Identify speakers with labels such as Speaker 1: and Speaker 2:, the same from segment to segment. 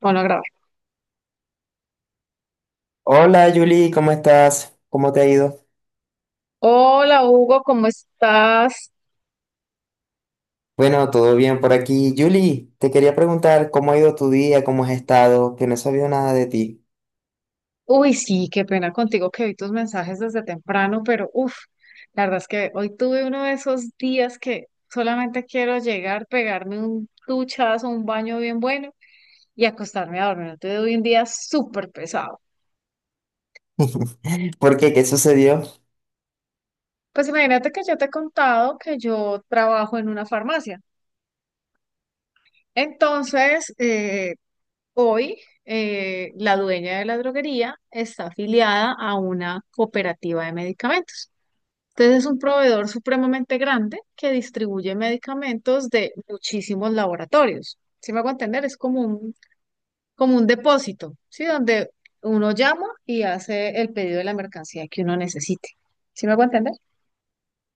Speaker 1: Bueno, grabé.
Speaker 2: Hola Julie, ¿cómo estás? ¿Cómo te ha ido?
Speaker 1: Hola Hugo, ¿cómo estás?
Speaker 2: Bueno, todo bien por aquí. Julie, te quería preguntar cómo ha ido tu día, cómo has estado, que no he sabido nada de ti.
Speaker 1: Uy, sí, qué pena contigo que vi tus mensajes desde temprano, pero uff, la verdad es que hoy tuve uno de esos días que solamente quiero llegar, pegarme un duchazo, un baño bien bueno y acostarme a dormir. Tuve un día súper pesado.
Speaker 2: ¿Por qué? ¿Qué sucedió?
Speaker 1: Pues imagínate que yo te he contado que yo trabajo en una farmacia. Entonces, hoy, la dueña de la droguería está afiliada a una cooperativa de medicamentos. Entonces, es un proveedor supremamente grande que distribuye medicamentos de muchísimos laboratorios. Si me hago entender, es como un depósito, ¿sí? Donde uno llama y hace el pedido de la mercancía que uno necesite. ¿Sí me hago entender?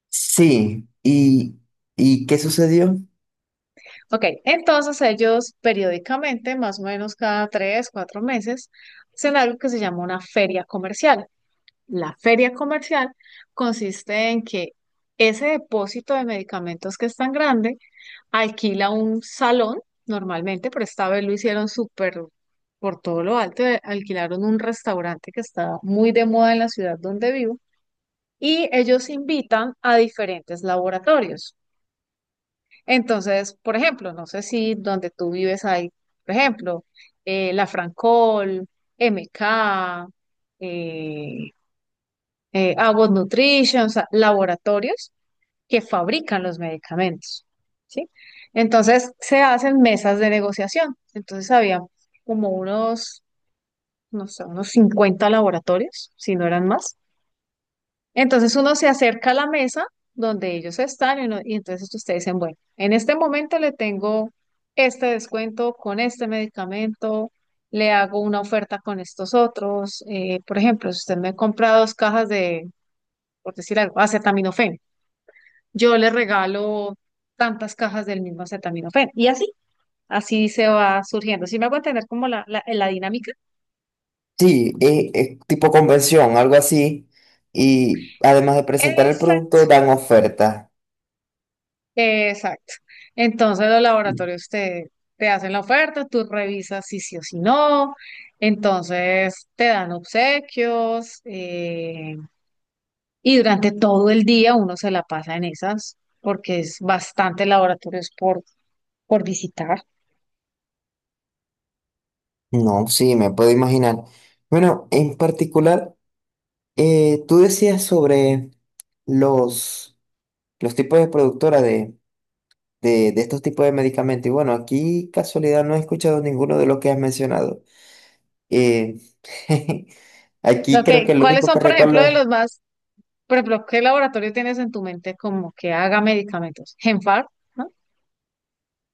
Speaker 2: Sí, ¿ y qué sucedió?
Speaker 1: Ok, entonces ellos periódicamente, más o menos cada tres, cuatro meses, hacen algo que se llama una feria comercial. La feria comercial consiste en que ese depósito de medicamentos que es tan grande alquila un salón normalmente, pero esta vez lo hicieron súper por todo lo alto, alquilaron un restaurante que está muy de moda en la ciudad donde vivo y ellos invitan a diferentes laboratorios. Entonces, por ejemplo, no sé si donde tú vives hay, por ejemplo, la Francol, MK, eh, Abbott Nutrition, o sea, laboratorios que fabrican los medicamentos, ¿sí? Entonces se hacen mesas de negociación. Entonces había como unos, no sé, unos 50 laboratorios, si no eran más. Entonces uno se acerca a la mesa donde ellos están y entonces ustedes dicen, bueno, en este momento le tengo este descuento con este medicamento, le hago una oferta con estos otros. Por ejemplo, si usted me compra dos cajas por decir algo, acetaminofén. Yo le regalo tantas cajas del mismo acetaminofén. Y así, así se va surgiendo. Si me hago entender como la dinámica.
Speaker 2: Sí, tipo convención, algo así. Y además de presentar el
Speaker 1: Exacto,
Speaker 2: producto, dan oferta.
Speaker 1: exacto. Entonces los laboratorios te hacen la oferta, tú revisas si sí o si no. Entonces te dan obsequios y durante todo el día uno se la pasa en esas porque es bastante laboratorios por visitar.
Speaker 2: No, sí, me puedo imaginar. Bueno, en particular, tú decías sobre los, los tipos de productora de de estos tipos de medicamentos. Y bueno, aquí casualidad no he escuchado ninguno de los que has mencionado. Eh, aquí
Speaker 1: Ok,
Speaker 2: creo que lo
Speaker 1: ¿cuáles
Speaker 2: único que
Speaker 1: son, por
Speaker 2: recuerdo
Speaker 1: ejemplo, de
Speaker 2: es,
Speaker 1: los más— Por ejemplo, ¿qué laboratorio tienes en tu mente como que haga medicamentos? Genfar, ¿no?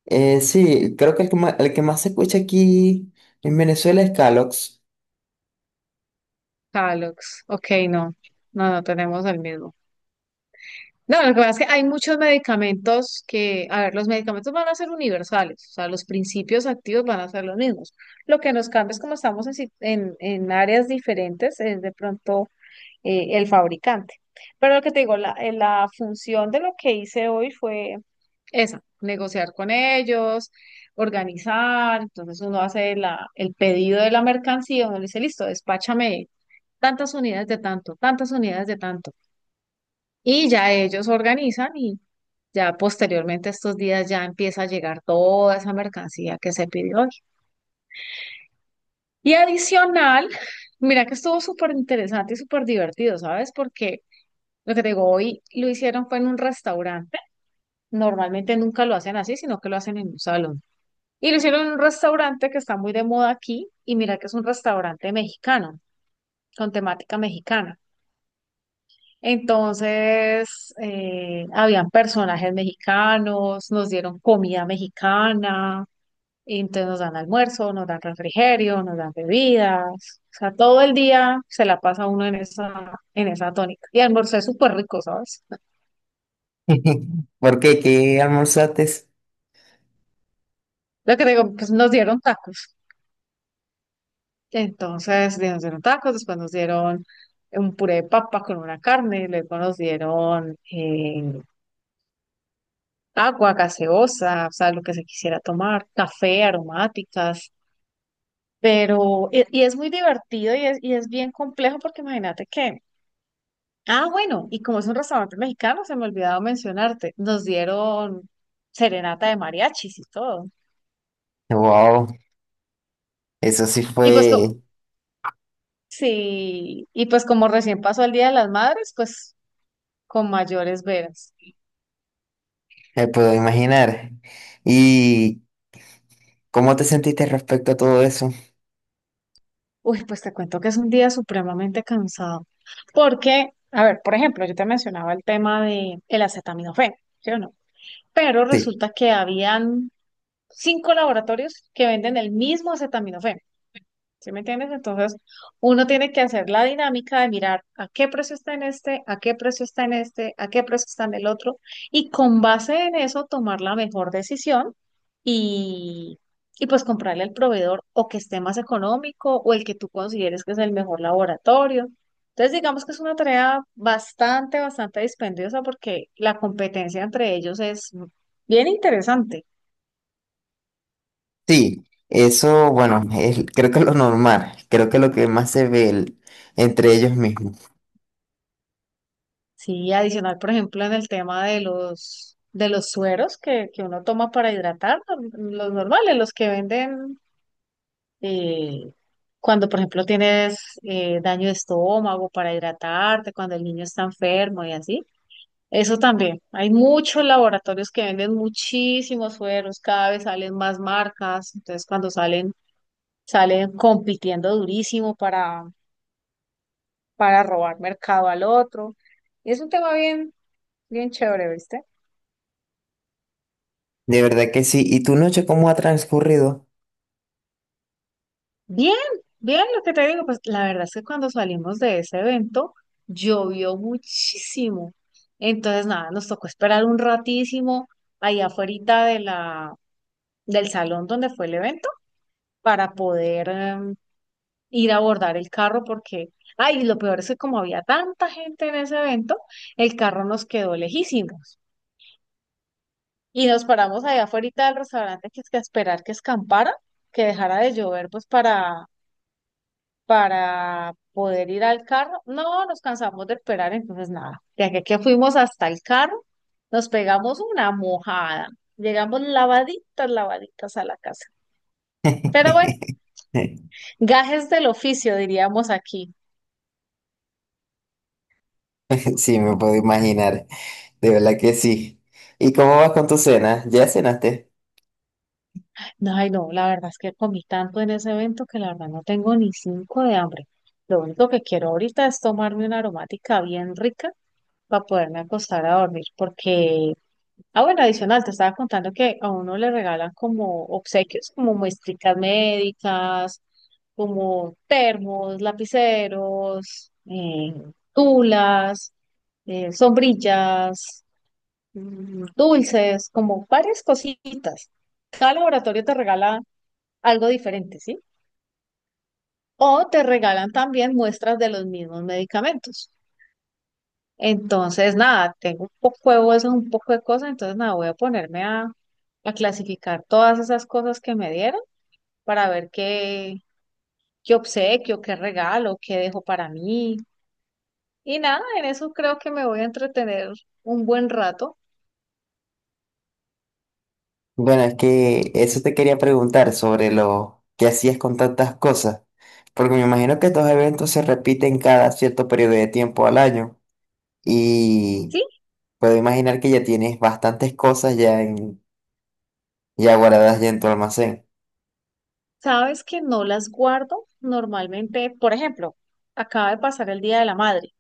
Speaker 2: sí, creo que el que más se escucha aquí en Venezuela es Calox.
Speaker 1: Calox. Ok, no. No, no tenemos el mismo. No, lo que pasa es que hay muchos medicamentos que, a ver, los medicamentos van a ser universales, o sea, los principios activos van a ser los mismos. Lo que nos cambia es como estamos en, si- en áreas diferentes, es de pronto el fabricante. Pero lo que te digo, la función de lo que hice hoy fue esa, negociar con ellos, organizar. Entonces uno hace la, el pedido de la mercancía, uno le dice, listo, despáchame tantas unidades de tanto, tantas unidades de tanto. Y ya ellos organizan y ya posteriormente estos días ya empieza a llegar toda esa mercancía que se pidió hoy. Y adicional, mira que estuvo súper interesante y súper divertido, ¿sabes? Porque lo que te digo, hoy lo hicieron fue en un restaurante. Normalmente nunca lo hacen así, sino que lo hacen en un salón. Y lo hicieron en un restaurante que está muy de moda aquí. Y mira que es un restaurante mexicano, con temática mexicana. Entonces, habían personajes mexicanos, nos dieron comida mexicana, y entonces nos dan almuerzo, nos dan refrigerio, nos dan bebidas. O sea, todo el día se la pasa uno en esa tónica. Y almorzó súper rico, ¿sabes?
Speaker 2: ¿Por qué? ¿Qué almorzaste?
Speaker 1: Lo que te digo, pues nos dieron tacos. Entonces, nos dieron tacos, después nos dieron un puré de papa con una carne, y luego nos dieron agua, gaseosa, o sea, lo que se quisiera tomar, café, aromáticas, pero, y es muy divertido y es bien complejo porque imagínate que, ah, bueno, y como es un restaurante mexicano, se me ha olvidado mencionarte, nos dieron serenata de mariachis y todo.
Speaker 2: Wow, eso sí
Speaker 1: Y pues,
Speaker 2: fue,
Speaker 1: sí, y pues como recién pasó el Día de las Madres, pues con mayores veras.
Speaker 2: me puedo imaginar. ¿Y cómo te sentiste respecto a todo eso?
Speaker 1: Uy, pues te cuento que es un día supremamente cansado. Porque, a ver, por ejemplo, yo te mencionaba el tema de el acetaminofén, ¿sí o no? Pero
Speaker 2: Sí.
Speaker 1: resulta que habían cinco laboratorios que venden el mismo acetaminofén. ¿Sí me entiendes? Entonces, uno tiene que hacer la dinámica de mirar a qué precio está en este, a qué precio está en este, a qué precio está en el otro, y con base en eso tomar la mejor decisión y, y pues comprarle al proveedor o que esté más económico o el que tú consideres que es el mejor laboratorio. Entonces, digamos que es una tarea bastante, bastante dispendiosa porque la competencia entre ellos es bien interesante.
Speaker 2: Sí, eso, bueno, creo que es lo normal, creo que es lo que más se ve entre ellos mismos.
Speaker 1: Sí, adicional, por ejemplo, en el tema de los sueros que uno toma para hidratar, los normales, los que venden eh, cuando, por ejemplo, tienes daño de estómago para hidratarte, cuando el niño está enfermo y así. Eso también. Hay muchos laboratorios que venden muchísimos sueros, cada vez salen más marcas, entonces cuando salen, salen compitiendo durísimo para robar mercado al otro. Y es un tema bien, bien chévere, ¿viste?
Speaker 2: De verdad que sí. ¿Y tu noche cómo ha transcurrido?
Speaker 1: Bien, bien, lo que te digo, pues la verdad es que cuando salimos de ese evento llovió muchísimo. Entonces, nada, nos tocó esperar un ratísimo ahí afuera de la, del salón donde fue el evento para poder ir a abordar el carro porque, ay, lo peor es que como había tanta gente en ese evento, el carro nos quedó lejísimos. Y nos paramos allá afuera del restaurante que es que a esperar que escampara, que dejara de llover, pues para poder ir al carro. No, nos cansamos de esperar, entonces nada. De aquí a que fuimos hasta el carro, nos pegamos una mojada. Llegamos lavaditas, lavaditas a la casa. Pero bueno, gajes del oficio, diríamos aquí.
Speaker 2: Sí, me puedo imaginar, de verdad que sí. ¿Y cómo vas con tu cena? ¿Ya cenaste?
Speaker 1: No, ay, no, la verdad es que comí tanto en ese evento que la verdad no tengo ni cinco de hambre. Lo único que quiero ahorita es tomarme una aromática bien rica para poderme acostar a dormir, porque— ah, bueno, adicional, te estaba contando que a uno le regalan como obsequios, como muestricas médicas, como termos, lapiceros, tulas, sombrillas, dulces, como varias cositas. Cada laboratorio te regala algo diferente, ¿sí? O te regalan también muestras de los mismos medicamentos. Entonces, nada, tengo un poco de huesos, un poco de cosas, entonces nada, voy a ponerme a clasificar todas esas cosas que me dieron para ver qué obsequio, qué regalo, qué dejo para mí. Y nada, en eso creo que me voy a entretener un buen rato.
Speaker 2: Bueno, es que eso te quería preguntar sobre lo que hacías con tantas cosas, porque me imagino que estos eventos se repiten cada cierto periodo de tiempo al año.
Speaker 1: Sí,
Speaker 2: y Puedo imaginar que ya tienes bastantes cosas ya, ya guardadas ya en tu almacén.
Speaker 1: sabes que no las guardo normalmente, por ejemplo, acaba de pasar el Día de la Madre.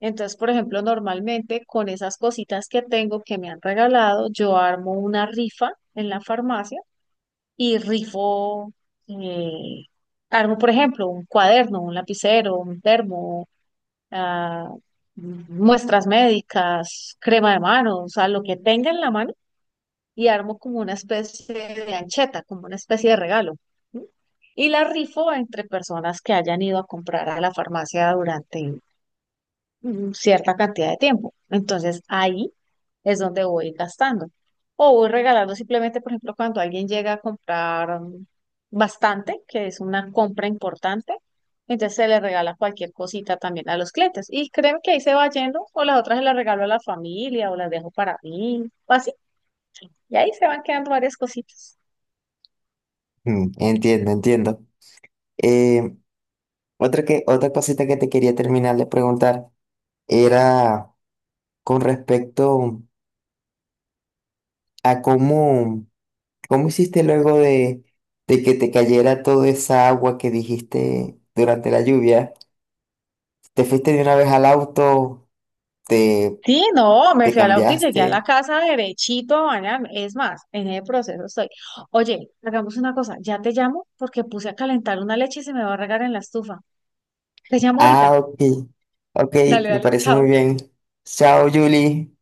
Speaker 1: Entonces, por ejemplo, normalmente con esas cositas que tengo que me han regalado, yo armo una rifa en la farmacia y rifo— eh, armo, por ejemplo, un cuaderno, un lapicero, un termo, ah, muestras médicas, crema de manos, o sea, lo que tenga en la mano y armo como una especie de ancheta, como una especie de regalo. ¿Sí? Y la rifo entre personas que hayan ido a comprar a la farmacia durante cierta cantidad de tiempo. Entonces ahí es donde voy gastando. O voy regalando simplemente, por ejemplo, cuando alguien llega a comprar bastante, que es una compra importante, entonces se le regala cualquier cosita también a los clientes. Y créeme que ahí se va yendo, o las otras se las regalo a la familia, o las dejo para mí, o así. Y ahí se van quedando varias cositas.
Speaker 2: Mm, entiendo, entiendo. Eh, otra cosita que te quería terminar de preguntar era con respecto a cómo hiciste luego de que te cayera toda esa agua que dijiste durante la lluvia. ¿Te fuiste de una vez al auto? ¿Te,
Speaker 1: Sí, no, me
Speaker 2: ¿te
Speaker 1: fui al auto y llegué a la
Speaker 2: cambiaste?
Speaker 1: casa derechito a bañarme. Es más, en el proceso estoy. Oye, hagamos una cosa, ya te llamo porque puse a calentar una leche y se me va a regar en la estufa. Te llamo ahorita.
Speaker 2: Ah, ok. Ok,
Speaker 1: Dale,
Speaker 2: me
Speaker 1: dale,
Speaker 2: parece muy
Speaker 1: chao.
Speaker 2: bien. Chao, Julie.